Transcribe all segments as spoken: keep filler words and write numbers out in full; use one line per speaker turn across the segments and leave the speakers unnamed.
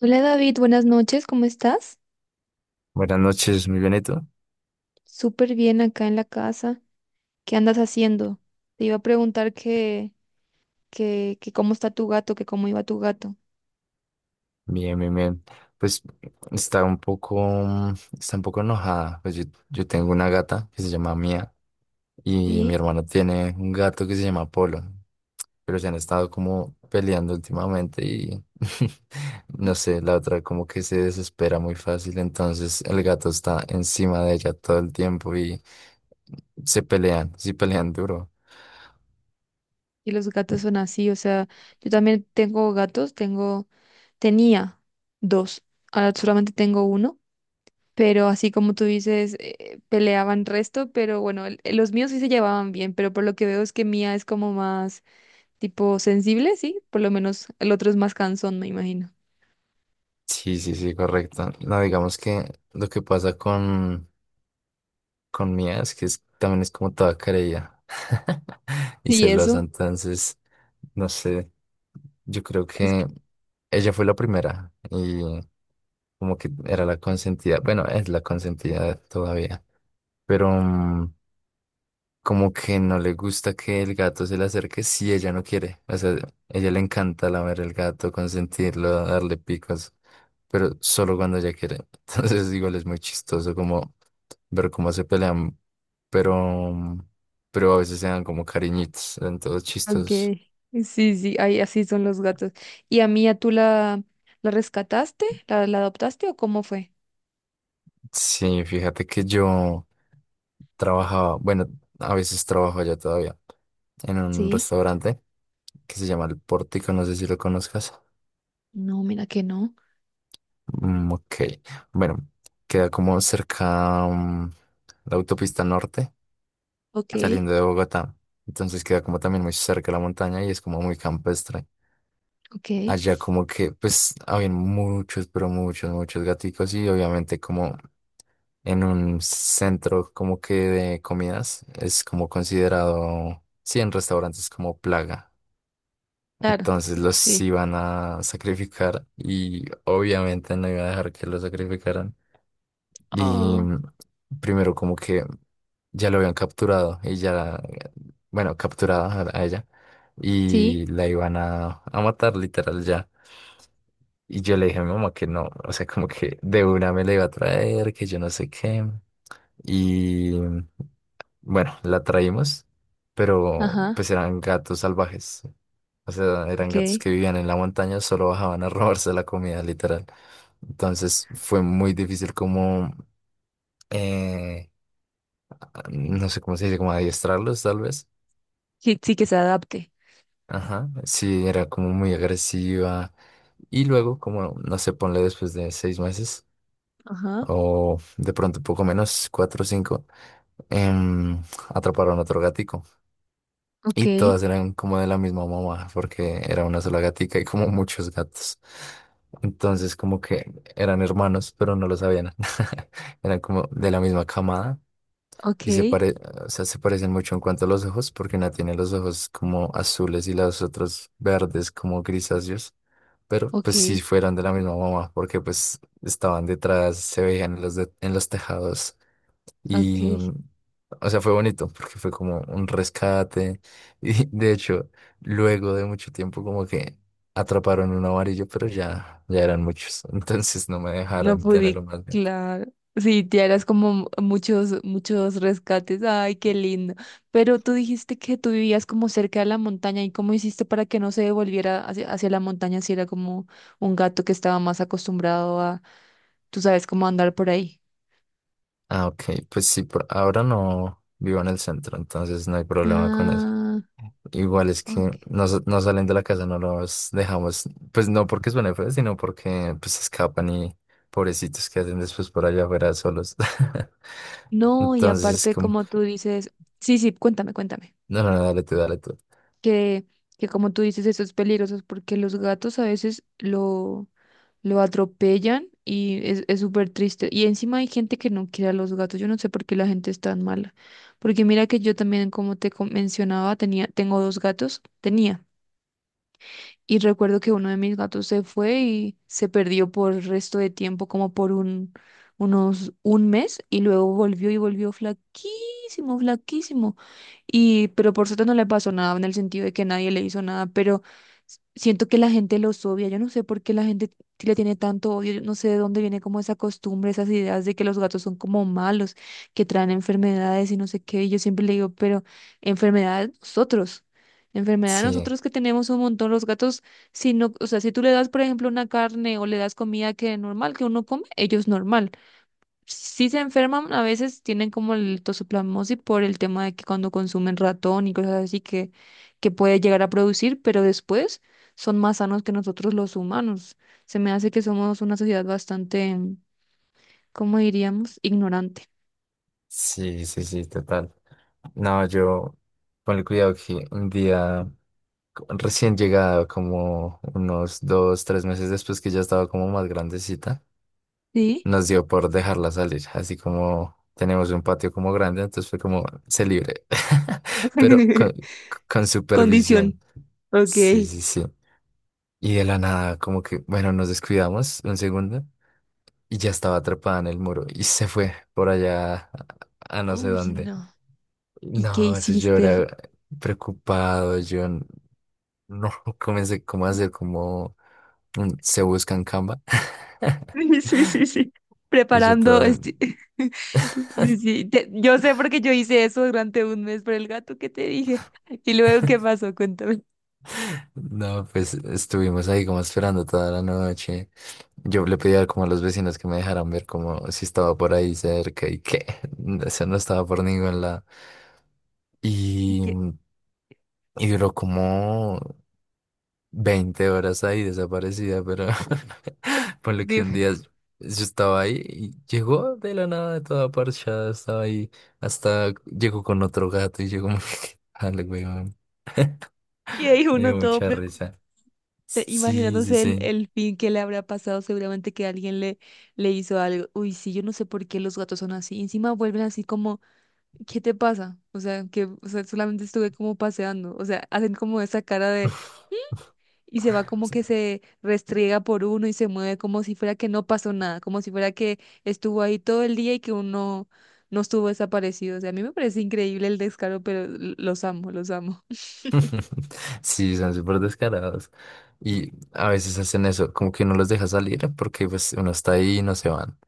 Hola David, buenas noches, ¿cómo estás?
Buenas noches, mi Benito.
Súper bien acá en la casa. ¿Qué andas haciendo? Te iba a preguntar que, que, que cómo está tu gato, que cómo iba tu gato.
Bien, bien, bien. Pues está un poco, mm, está un poco enojada. Pues yo, yo tengo una gata que se llama Mía y mi
Sí,
hermano tiene un gato que se llama Polo, pero se han estado como peleando últimamente y no sé, la otra como que se desespera muy fácil, entonces el gato está encima de ella todo el tiempo y se pelean, sí pelean duro.
y los gatos son así, o sea, yo también tengo gatos, tengo, tenía dos, ahora solamente tengo uno, pero así como tú dices, eh, peleaban resto, pero bueno, el- el- los míos sí se llevaban bien, pero por lo que veo es que Mía es como más tipo sensible, sí, por lo menos el otro es más cansón, me imagino.
Sí, sí, sí, correcto. No, digamos que lo que pasa con, con Mía es que es- también es como toda querella y
¿Y
celosa,
eso?
entonces, no sé, yo creo
Es que,
que ella fue la primera y como que era la consentida, bueno, es la consentida todavía, pero mm, como que no le gusta que el gato se le acerque si ella no quiere. O sea, ella le encanta lamer el gato, consentirlo, darle picos, pero solo cuando ella quiere. Entonces, igual es muy chistoso como ver cómo se pelean, pero, pero a veces se dan como cariñitos, en todos chistosos.
okay. Sí, sí, ahí así son los gatos. ¿Y a Mía tú la, la rescataste? ¿La, la adoptaste o cómo fue?
Sí, fíjate que yo trabajaba, bueno, a veces trabajo ya todavía en un
Sí.
restaurante que se llama El Pórtico, no sé si lo conozcas.
No, mira que no.
Mm, ok. Bueno, queda como cerca mm, la autopista norte,
Ok,
saliendo de Bogotá. Entonces queda como también muy cerca la montaña y es como muy campestre.
ok.
Allá como que pues habían muchos, pero muchos, muchos gaticos y obviamente como en un centro como que de comidas es como considerado, sí, en restaurantes como plaga.
Claro,
Entonces los
sí.
iban a sacrificar y obviamente no iba a dejar que los sacrificaran. Y
Oh,
mm, primero como que ya lo habían capturado y ya, bueno, capturada a a ella
sí,
y la iban a, a matar literal ya. Y yo le dije a mi mamá que no, o sea, como que de una me la iba a traer, que yo no sé qué. Y mm, bueno, la traímos, pero
ajá,
pues eran gatos salvajes. O sea, eran gatos
ok.
que vivían en la montaña, solo bajaban a robarse la comida, literal. Entonces fue muy difícil como eh, no sé cómo se dice, como adiestrarlos tal vez.
Sí, sí que se adapte.
Ajá, sí, era como muy agresiva. Y luego, como, no sé, ponle después de seis meses
Ajá,
o de pronto poco menos, cuatro o cinco, em, atraparon otro gatico.
ok,
Y todas eran como de la misma mamá, porque era una sola gatica y como muchos gatos. Entonces, como que eran hermanos, pero no lo sabían. Eran como de la misma camada.
ok,
Y se pare, o sea, se parecen mucho en cuanto a los ojos, porque una tiene los ojos como azules y las otras verdes como grisáceos. Pero
ok,
pues sí fueron de la misma mamá, porque pues estaban detrás, se veían en los, de- en los tejados.
ok.
Y, o sea, fue bonito, porque fue como un rescate. Y de hecho, luego de mucho tiempo como que atraparon un amarillo, pero ya, ya eran muchos. Entonces no me
No
dejaron tener
pude,
más.
claro. Sí, te harás como muchos, muchos rescates. Ay, qué lindo. Pero tú dijiste que tú vivías como cerca de la montaña. ¿Y cómo hiciste para que no se devolviera hacia, hacia la montaña si era como un gato que estaba más acostumbrado a, tú sabes, cómo andar por ahí?
Ah, ok, pues sí, por ahora no vivo en el centro, entonces no hay problema con eso.
Ah,
Igual es
ok.
que no, sa- no salen de la casa, no los dejamos, pues no porque suene feo, sino porque pues se escapan y pobrecitos que hacen después por allá afuera solos.
No, y
Entonces es
aparte,
como,
como tú dices, sí, sí, cuéntame, cuéntame.
no, no, no, dale tú, dale tú.
Que, que como tú dices, eso es peligroso porque los gatos a veces lo lo atropellan y es, es súper triste. Y encima hay gente que no quiere a los gatos. Yo no sé por qué la gente es tan mala. Porque mira que yo también, como te com- mencionaba, tenía, tengo dos gatos. Tenía. Y recuerdo que uno de mis gatos se fue y se perdió por el resto de tiempo, como por un, unos, un mes, y luego volvió y volvió flaquísimo, flaquísimo. Y, pero por suerte no le pasó nada en el sentido de que nadie le hizo nada, pero s- siento que la gente los odia. Yo no sé por qué la gente t- le tiene tanto odio. Yo no sé de dónde viene como esa costumbre, esas ideas de que los gatos son como malos, que traen enfermedades y no sé qué. Y yo siempre le digo, pero enfermedades nosotros. Enfermedad,
Sí,
nosotros que tenemos un montón, los gatos, si no, o sea, si tú le das, por ejemplo, una carne o le das comida que es normal, que uno come, ellos normal. Si se enferman, a veces tienen como el toxoplasmosis por el tema de que cuando consumen ratón y cosas así que, que puede llegar a producir, pero después son más sanos que nosotros los humanos. Se me hace que somos una sociedad bastante, ¿cómo diríamos? Ignorante.
sí, sí, sí, total. No, yo, con el cuidado que un día co- recién llegado, como unos dos, tres meses después que ya estaba como más grandecita.
¿Sí?
Nos dio por dejarla salir, así como tenemos un patio como grande, entonces fue como se libre, pero con, con supervisión.
Condición. Ok.
Sí, sí, sí. Y de la nada, como que, bueno, nos descuidamos un segundo y ya estaba atrapada en el muro y se fue por allá a, a no sé
Uy,
dónde.
no. ¿Y qué
No, eso yo
hiciste?
era preocupado, yo n- no comencé como a hacer como un- se busca en Canva.
Sí, sí, sí, sí.
Y yo
Preparando,
todo,
este... sí, sí. te- Yo sé porque yo hice eso durante un mes por el gato que te dije. Y luego, ¿qué pasó? Cuéntame.
no, pues estuvimos ahí como esperando toda la noche. Yo le pedía como a los vecinos que me dejaran ver como si estaba por ahí cerca y que eso no estaba por ningún lado. Y,
¿Qué-
y duró como veinte horas ahí desaparecida, pero por lo que un
Dime.
día yo estaba ahí y llegó de la nada, toda parchada, estaba ahí, hasta llegó con otro gato y llegó, dale, weón,
Y ahí
me
uno
dio
todo
mucha
preocupado,
risa. Sí, sí,
imaginándose el,
sí.
el fin que le habrá pasado, seguramente que alguien le, le hizo algo. Uy, sí, yo no sé por qué los gatos son así. Encima vuelven así como, ¿qué te pasa? O sea, que o sea, solamente estuve como paseando. O sea, hacen como esa cara de y se va como que se restriega por uno y se mueve como si fuera que no pasó nada, como si fuera que estuvo ahí todo el día y que uno no estuvo desaparecido. O sea, a mí me parece increíble el descaro, pero l- los amo, los amo.
Sí, son súper descarados. Y a veces hacen eso, como que no los deja salir porque pues uno está ahí y no se van.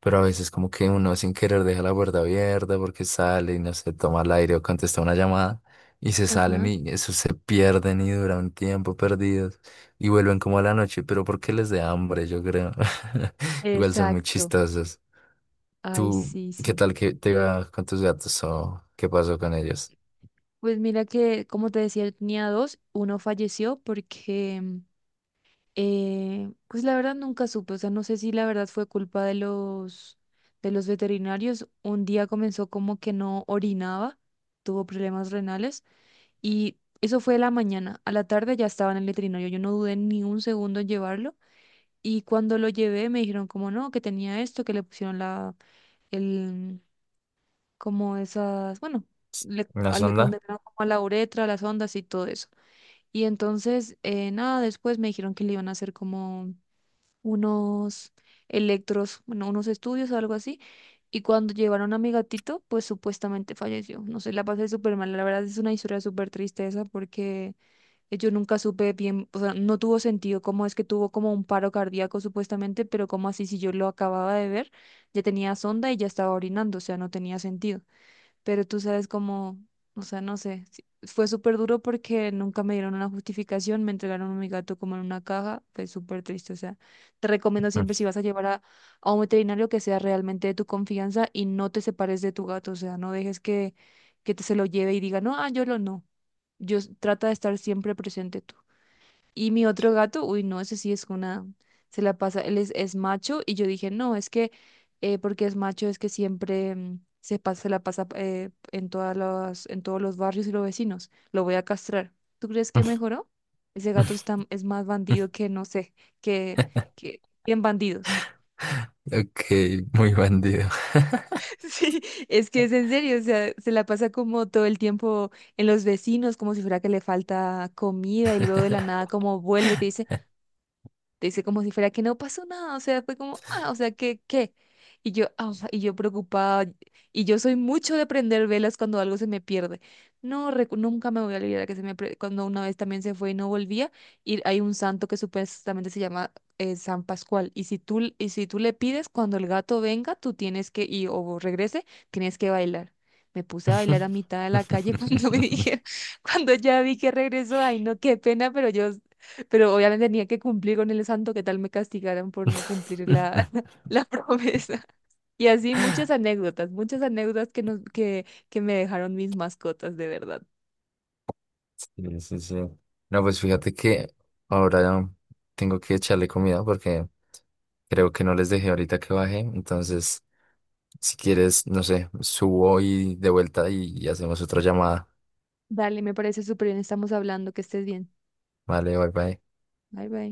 Pero a veces como que uno sin querer deja la puerta abierta porque sale y no se toma el aire o contesta una llamada y se salen
Ajá.
y eso se pierden y duran un tiempo perdidos y vuelven como a la noche, pero porque les da hambre, yo creo. Igual son muy
Exacto.
chistosos.
Ay,
¿Tú
sí,
qué
sí.
tal que te va con tus gatos o qué pasó con ellos?
Pues mira que, como te decía, yo tenía dos, uno falleció porque, mm, eh, pues la verdad nunca supe, o sea, no sé si la verdad fue culpa de los, de los veterinarios. Un día comenzó como que no orinaba, tuvo problemas renales. Y eso fue la mañana. A la tarde ya estaba en el veterinario. Yo no dudé ni un segundo en llevarlo. Y cuando lo llevé me dijeron como no, que tenía esto, que le pusieron la, el, como esas, bueno, le,
¿Una
a- le
sonda?
condenaron como a la uretra, las ondas y todo eso. Y entonces, eh, nada, después me dijeron que le iban a hacer como unos electros, bueno, unos estudios o algo así. Y cuando llevaron a mi gatito, pues supuestamente falleció. No sé, la pasé súper mal. La verdad es una historia súper triste esa porque eh, yo nunca supe bien, o sea, no tuvo sentido cómo es que tuvo como un paro cardíaco supuestamente, pero como así si yo lo acababa de ver, ya tenía sonda y ya estaba orinando, o sea, no tenía sentido, pero tú sabes cómo, o sea, no sé, sí, fue súper duro porque nunca me dieron una justificación, me entregaron a mi gato como en una caja, fue súper triste, o sea, te recomiendo siempre si vas a llevar a, a un veterinario que sea realmente de tu confianza y no te separes de tu gato, o sea, no dejes que, que te se lo lleve y diga, no, ah, yo lo no, yo s- trata de estar siempre presente tú. Y mi otro gato, uy, no, ese sí es una, se la pasa, él es, es macho y yo dije, no, es que eh, porque es macho es que siempre mm, se pasa, se la pasa eh, en todas las, en todos los barrios y los vecinos, lo voy a castrar. ¿Tú crees que mejoró? Ese gato está, es más bandido que, no sé, que, que, bien bandidos.
Ok, muy bandido.
Sí, es que es en serio, o sea, se la pasa como todo el tiempo en los vecinos, como si fuera que le falta comida y luego de la nada como vuelve y te dice... Te dice como si fuera que no pasó nada, o sea, fue como, ah, o sea, ¿qué, qué? Y yo, ah, y yo preocupada, y yo soy mucho de prender velas cuando algo se me pierde. No, recu- nunca me voy a olvidar que se me, pre- cuando una vez también se fue y no volvía, y hay un santo que supuestamente se llama eh, San Pascual, y si tú, l- y si tú le pides, cuando el gato venga, tú tienes que, y, o regrese, tienes que bailar. Me puse a bailar a mitad de la calle cuando me dijeron, cuando ya vi que regresó, ay, no, qué pena, pero yo, pero obviamente tenía que cumplir con el santo, que tal me castigaran por no cumplir la, la promesa. Y así muchas anécdotas, muchas anécdotas que, nos, que, que me dejaron mis mascotas, de verdad.
Sí, sí, sí. No, pues fíjate que ahora ya tengo que echarle comida porque creo que no les dejé ahorita que baje. Entonces, si quieres, no sé, subo y de vuelta y y hacemos otra llamada.
Dale, me parece súper bien, estamos hablando, que estés bien.
Vale, bye bye.
Bye bye.